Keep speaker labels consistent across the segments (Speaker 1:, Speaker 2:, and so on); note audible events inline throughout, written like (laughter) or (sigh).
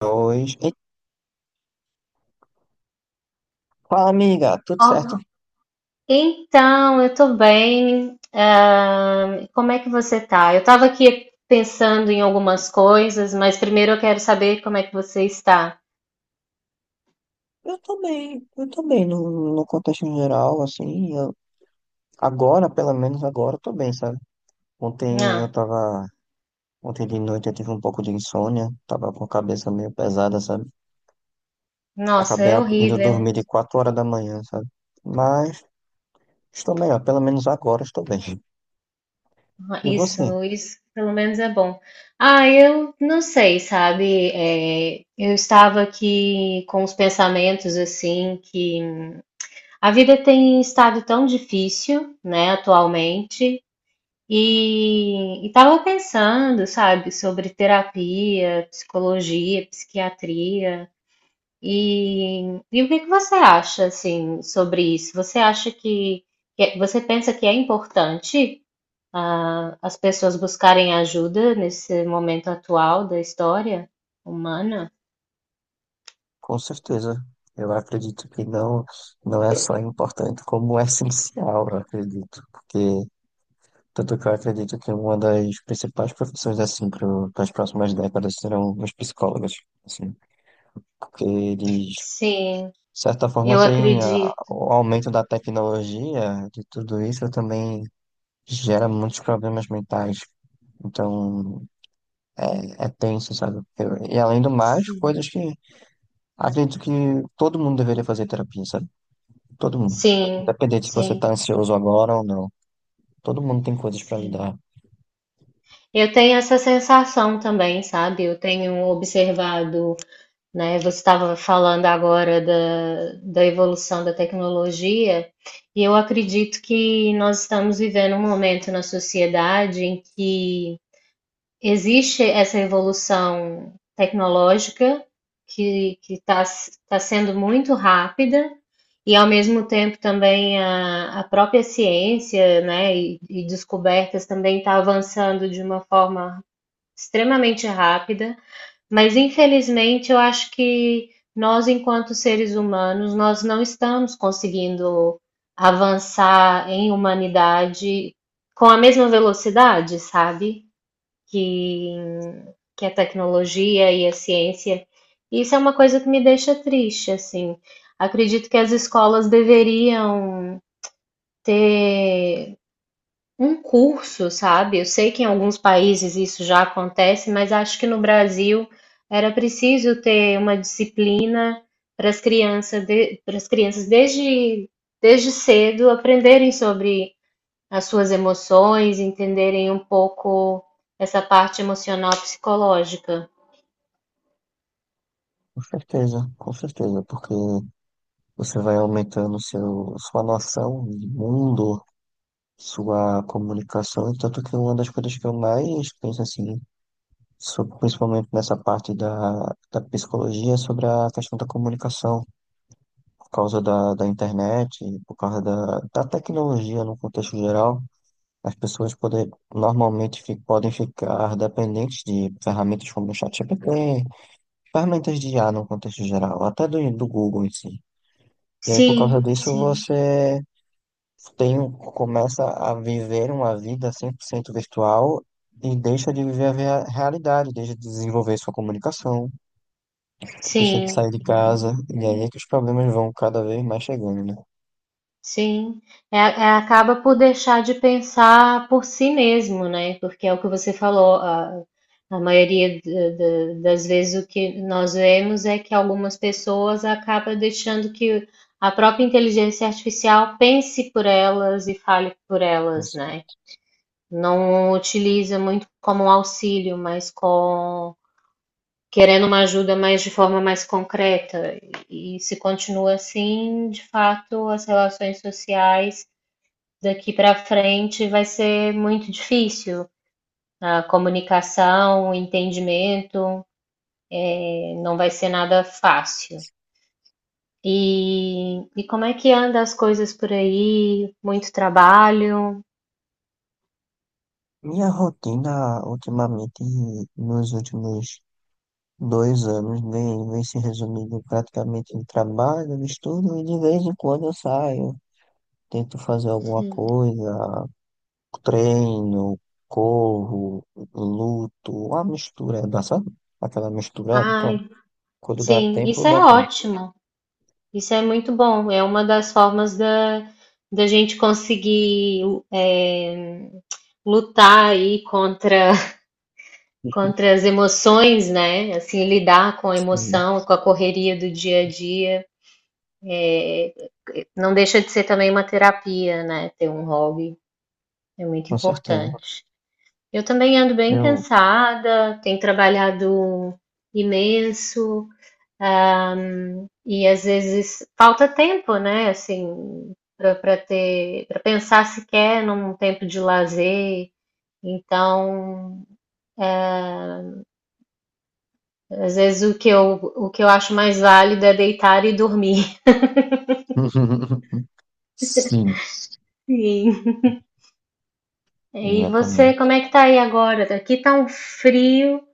Speaker 1: Dois. E fala, amiga, tudo certo?
Speaker 2: Oh, então, eu tô bem. Ah, como é que você tá? Eu tava aqui pensando em algumas coisas, mas primeiro eu quero saber como é que você está.
Speaker 1: Eu tô bem no contexto geral, assim, eu, agora, pelo menos agora, eu tô bem, sabe? Ontem eu
Speaker 2: Ah,
Speaker 1: tava, ontem de noite eu tive um pouco de insônia, tava com a cabeça meio pesada, sabe?
Speaker 2: nossa, é
Speaker 1: Indo
Speaker 2: horrível.
Speaker 1: dormir de quatro horas da manhã, sabe? Mas estou melhor, pelo menos agora estou bem. E você?
Speaker 2: Isso pelo menos é bom. Ah, eu não sei, sabe? É, eu estava aqui com os pensamentos assim que a vida tem estado tão difícil, né, atualmente. E estava pensando, sabe, sobre terapia, psicologia, psiquiatria. E, e o que que você acha, assim, sobre isso? Você acha que, você pensa que é importante, as pessoas buscarem ajuda nesse momento atual da história humana?
Speaker 1: Com certeza. Eu acredito que não é só importante, como é essencial, eu acredito, porque tanto que eu acredito que uma das principais profissões, assim, para as próximas décadas serão os psicólogos, assim, porque eles, de
Speaker 2: Sim,
Speaker 1: certa forma,
Speaker 2: eu acredito.
Speaker 1: o aumento da tecnologia, de tudo isso, também gera muitos problemas mentais. Então, é tenso, sabe? E além do mais,
Speaker 2: Sim,
Speaker 1: coisas que acredito que todo mundo deveria fazer terapia, sabe? Todo mundo.
Speaker 2: sim,
Speaker 1: Independente se você está ansioso agora ou não. Todo mundo tem coisas para
Speaker 2: sim.
Speaker 1: lidar.
Speaker 2: Eu tenho essa sensação também, sabe? Eu tenho observado, né? Você estava falando agora da evolução da tecnologia, e eu acredito que nós estamos vivendo um momento na sociedade em que existe essa evolução tecnológica que está tá sendo muito rápida, e ao mesmo tempo também a própria ciência, né, e descobertas também está avançando de uma forma extremamente rápida. Mas infelizmente eu acho que nós, enquanto seres humanos, nós não estamos conseguindo avançar em humanidade com a mesma velocidade, sabe? Que, que a tecnologia e a ciência. Isso é uma coisa que me deixa triste, assim. Acredito que as escolas deveriam ter um curso, sabe? Eu sei que em alguns países isso já acontece, mas acho que no Brasil era preciso ter uma disciplina para as crianças, para as crianças desde cedo aprenderem sobre as suas emoções, entenderem um pouco essa parte emocional psicológica.
Speaker 1: Com certeza, porque você vai aumentando sua noção de mundo, sua comunicação, e tanto que uma das coisas que eu mais penso assim, principalmente nessa parte da psicologia, é sobre a questão da comunicação, por causa da internet, por causa da tecnologia no contexto geral, as pessoas podem ficar dependentes de ferramentas como o ChatGPT, ferramentas de IA no contexto geral, até do Google em si. E aí, por causa
Speaker 2: Sim,
Speaker 1: disso,
Speaker 2: sim,
Speaker 1: você começa a viver uma vida 100% virtual e deixa de viver a realidade, deixa de desenvolver sua comunicação, deixa de
Speaker 2: sim.
Speaker 1: sair de casa, e aí é que os problemas vão cada vez mais chegando, né?
Speaker 2: Sim, acaba por deixar de pensar por si mesmo, né? Porque é o que você falou, a maioria das vezes o que nós vemos é que algumas pessoas acabam deixando que a própria inteligência artificial pense por elas e fale por elas,
Speaker 1: Nossa.
Speaker 2: né? Não utiliza muito como um auxílio, mas com querendo uma ajuda mais de forma mais concreta. E se continua assim, de fato, as relações sociais daqui para frente vai ser muito difícil. A comunicação, o entendimento, não vai ser nada fácil. E como é que anda as coisas por aí? Muito trabalho?
Speaker 1: Minha rotina, ultimamente, nos últimos dois anos, vem se resumindo praticamente em trabalho, no estudo, e de vez em quando eu saio, tento fazer alguma coisa, treino, corro, luto, uma mistura, dá, sabe? Aquela mistura, pronto.
Speaker 2: Ai,
Speaker 1: Quando dá
Speaker 2: sim,
Speaker 1: tempo,
Speaker 2: isso
Speaker 1: dá
Speaker 2: é
Speaker 1: tempo.
Speaker 2: ótimo. Isso é muito bom. É uma das formas da gente conseguir, eh, lutar aí contra, (laughs)
Speaker 1: (laughs)
Speaker 2: contra as emoções, né? Assim, lidar com a
Speaker 1: Sim,
Speaker 2: emoção, com a correria do dia a dia. É, não deixa de ser também uma terapia, né? Ter um hobby é muito
Speaker 1: com certeza.
Speaker 2: importante. Eu também ando bem
Speaker 1: Eu.
Speaker 2: cansada, tenho trabalhado imenso, ah, e às vezes falta tempo, né? Assim, para pensar sequer num tempo de lazer. Então, às vezes o que eu acho mais válido é deitar e dormir. (laughs)
Speaker 1: (laughs) Sim,
Speaker 2: Sim. E você,
Speaker 1: exatamente.
Speaker 2: como é que tá aí agora? Aqui tá um frio.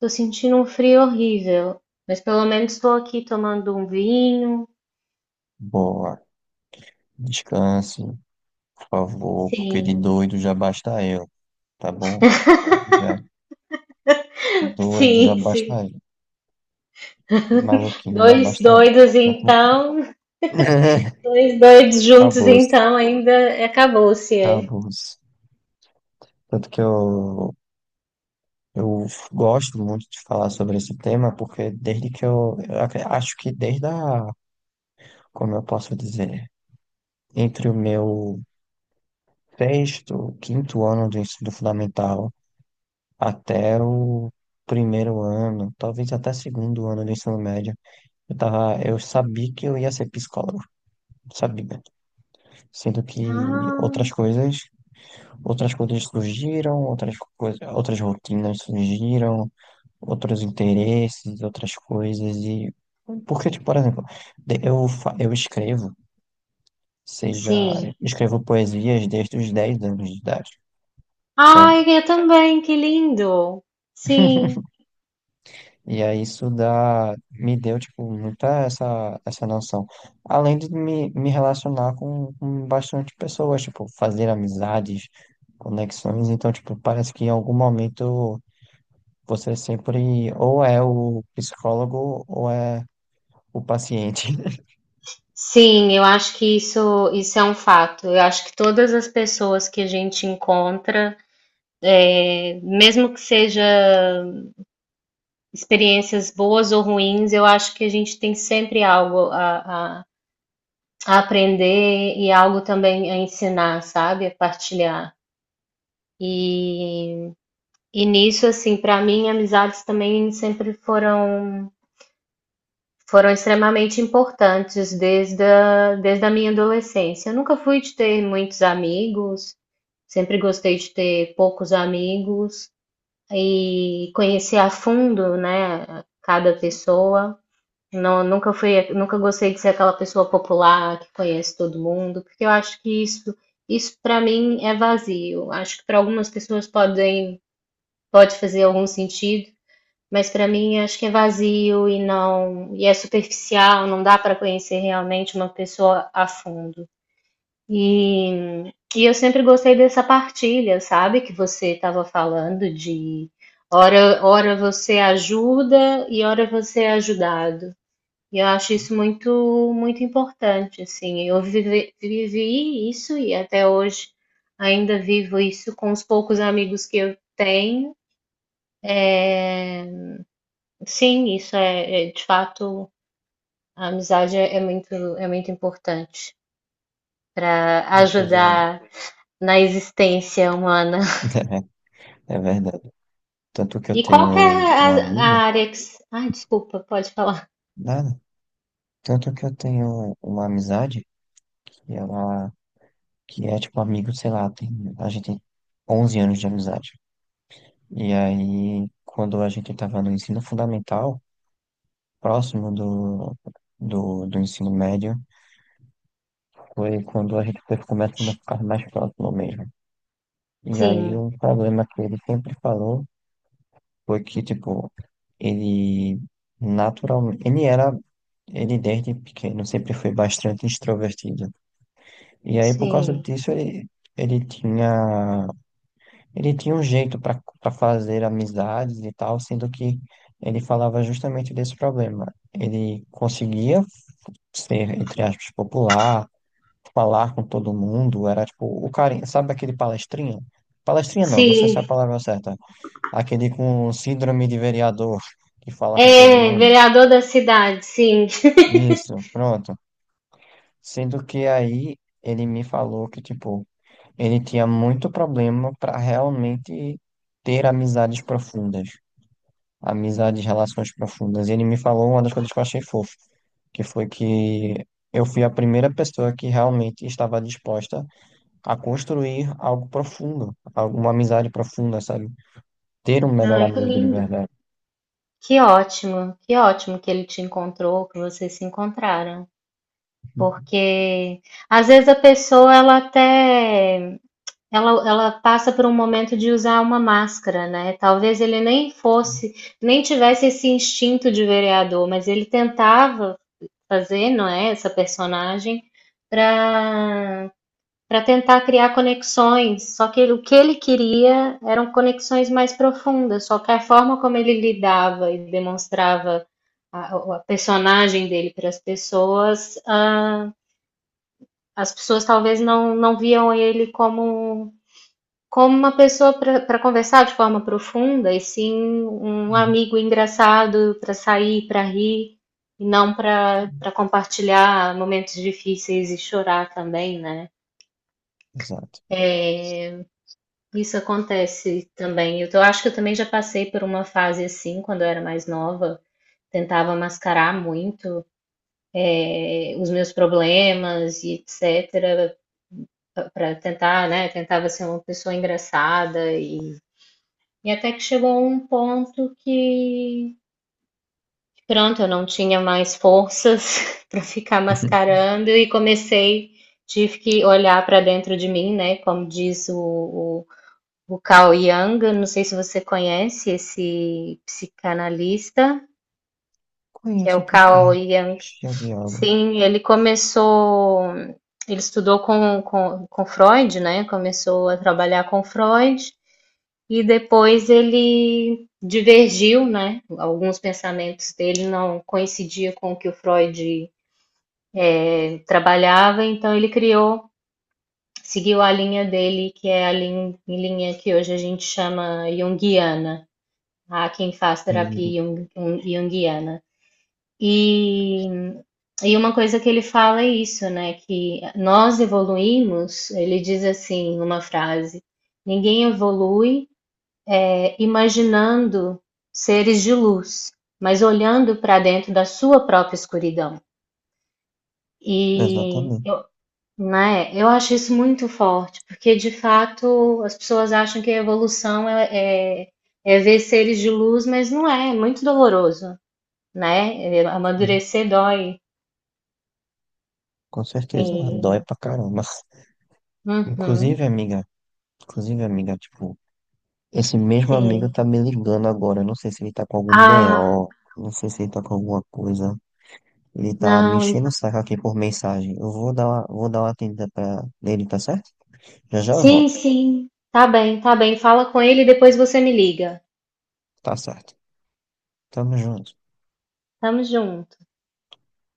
Speaker 2: Tô sentindo um frio horrível, mas pelo menos estou aqui tomando um vinho.
Speaker 1: Boa. Descanse, por favor, porque de
Speaker 2: Sim,
Speaker 1: doido já basta eu, tá bom? Obrigado.
Speaker 2: (laughs)
Speaker 1: Doido já
Speaker 2: sim, sim.
Speaker 1: basta eu. De maluquinho já
Speaker 2: Dois
Speaker 1: basta eu.
Speaker 2: doidos
Speaker 1: Tá bom?
Speaker 2: então,
Speaker 1: (laughs)
Speaker 2: dois doidos juntos
Speaker 1: Acabou-se,
Speaker 2: então, ainda acabou-se. É.
Speaker 1: acabou-se. Tanto que eu. Eu gosto muito de falar sobre esse tema porque desde que acho que desde a, como eu posso dizer, entre o meu sexto, quinto ano do ensino fundamental até o primeiro ano, talvez até segundo ano do ensino médio, eu sabia que eu ia ser psicólogo, sabia. Sendo que outras
Speaker 2: Ah,
Speaker 1: coisas, outras coisas surgiram, outras coisas, outras rotinas surgiram, outros interesses, outras coisas e porque, tipo, por exemplo, eu escrevo, seja, eu
Speaker 2: sim.
Speaker 1: escrevo poesias desde os 10 anos de idade, sabe?
Speaker 2: Ai, eu também, que lindo. Sim,
Speaker 1: E aí isso dá, me deu, tipo, muita essa, essa noção. Além de me relacionar com bastante pessoas, tipo, fazer amizades, conexões. Então, tipo, parece que em algum momento você sempre ou é o psicólogo ou é o paciente.
Speaker 2: sim, eu acho que isso é um fato. Eu acho que todas as pessoas que a gente encontra, é, mesmo que seja experiências boas ou ruins, eu acho que a gente tem sempre algo a aprender e algo também a ensinar, sabe? A partilhar. E, e nisso, assim, para mim, amizades também sempre foram extremamente importantes desde a minha adolescência. Eu nunca fui de ter muitos amigos, sempre gostei de ter poucos amigos e conhecer a fundo, né, cada pessoa. Não, nunca gostei de ser aquela pessoa popular que conhece todo mundo, porque eu acho que isso para mim é vazio. Acho que para algumas pessoas pode fazer algum sentido, mas para mim acho que é vazio e não, e é superficial, não dá para conhecer realmente uma pessoa a fundo. E, e eu sempre gostei dessa partilha, sabe, que você estava falando de hora você ajuda e hora você é ajudado. E eu acho isso
Speaker 1: (laughs)
Speaker 2: muito, muito importante, assim. Eu vivi isso e até hoje ainda vivo isso com os poucos amigos que eu tenho. Sim, isso é, de fato, a amizade é muito importante para
Speaker 1: Uma coisa
Speaker 2: ajudar na existência humana. (laughs)
Speaker 1: (laughs) é verdade. Tanto que eu
Speaker 2: E qual
Speaker 1: tenho
Speaker 2: que é
Speaker 1: um
Speaker 2: a,
Speaker 1: um
Speaker 2: a
Speaker 1: amigo,
Speaker 2: área que Ai, desculpa, pode falar.
Speaker 1: nada. Tanto que eu tenho uma amizade que ela, que é tipo amigo, sei lá, tem, a gente tem 11 anos de amizade. E aí, quando a gente tava no ensino fundamental, próximo do, do ensino médio, foi quando a gente foi começando a ficar mais próximo mesmo. E aí,
Speaker 2: Sim,
Speaker 1: o problema que ele sempre falou foi que, tipo, ele naturalmente, ele era ele desde pequeno sempre foi bastante extrovertido. E aí, por causa
Speaker 2: sim,
Speaker 1: disso, ele tinha, ele tinha um jeito para fazer amizades e tal, sendo que ele falava justamente desse problema. Ele conseguia ser, entre aspas, popular, falar com todo mundo, era tipo o carinha, sabe aquele palestrinha? Palestrinha não, não sei se é a
Speaker 2: sim.
Speaker 1: palavra certa. Aquele com síndrome de vereador que fala com todo
Speaker 2: É,
Speaker 1: mundo.
Speaker 2: vereador da cidade, sim.
Speaker 1: Isso, pronto. Sendo que aí ele me falou que, tipo, ele tinha muito problema para realmente ter amizades profundas, amizades, relações profundas. E ele me falou uma das coisas que eu achei fofo, que foi que eu fui a primeira pessoa que realmente estava disposta a construir algo profundo, alguma amizade profunda, sabe? Ter um melhor
Speaker 2: Ai, que
Speaker 1: amigo de
Speaker 2: lindo.
Speaker 1: verdade.
Speaker 2: Que ótimo, que ótimo que ele te encontrou, que vocês se encontraram. Porque às vezes a pessoa ela até ela passa por um momento de usar uma máscara, né? Talvez ele nem fosse,
Speaker 1: (laughs)
Speaker 2: nem tivesse esse instinto de vereador, mas ele tentava fazer, não é, essa personagem para para tentar criar conexões. Só que o que ele queria eram conexões mais profundas, só que a forma como ele lidava e demonstrava a personagem dele para as pessoas, as pessoas talvez não viam ele como, como uma pessoa para conversar de forma profunda, e sim um amigo engraçado para sair, para rir. E não para compartilhar momentos difíceis e chorar também, né?
Speaker 1: Exato.
Speaker 2: É, isso acontece também. Eu acho que eu também já passei por uma fase assim, quando eu era mais nova. Tentava mascarar muito, os meus problemas e etc. para tentar, né? Tentava ser uma pessoa engraçada e até que chegou um ponto que, pronto, eu não tinha mais forças (laughs) para ficar
Speaker 1: (laughs)
Speaker 2: mascarando e comecei, tive que olhar para dentro de mim, né? Como diz o Carl Jung, não sei se você conhece esse psicanalista, que é
Speaker 1: Conheço um
Speaker 2: o
Speaker 1: pouquinho.
Speaker 2: Carl Jung.
Speaker 1: Acho que já vi algo.
Speaker 2: Sim, ele estudou com Freud, né? Começou a trabalhar com Freud e depois ele divergiu, né? Alguns pensamentos dele não coincidiam com o que o Freud trabalhava, então ele seguiu a linha dele, que é a linha que hoje a gente chama junguiana, a quem faz
Speaker 1: Hum.
Speaker 2: terapia junguiana. E, e uma coisa que ele fala é isso, né? Que nós evoluímos, ele diz assim, uma frase: ninguém evolui, imaginando seres de luz, mas olhando para dentro da sua própria escuridão. E
Speaker 1: Exatamente.
Speaker 2: eu, né, eu acho isso muito forte, porque de fato as pessoas acham que a evolução é ver seres de luz, mas não é, é muito doloroso. Né, amadurecer dói.
Speaker 1: Com certeza, dói
Speaker 2: Sim.
Speaker 1: pra caramba. Inclusive,
Speaker 2: Uhum.
Speaker 1: amiga, inclusive, amiga, tipo, esse mesmo amigo
Speaker 2: Sim.
Speaker 1: tá me ligando agora. Eu não sei se ele tá com algum
Speaker 2: Ah,
Speaker 1: BO, não sei se ele tá com alguma coisa. Ele tá me
Speaker 2: não,
Speaker 1: enchendo o saco aqui por mensagem. Eu vou dar uma atendida pra ele, tá certo? Já já eu
Speaker 2: sim,
Speaker 1: volto.
Speaker 2: sim, tá bem, fala com ele e depois você me liga.
Speaker 1: Tá certo. Tamo junto.
Speaker 2: Estamos junto.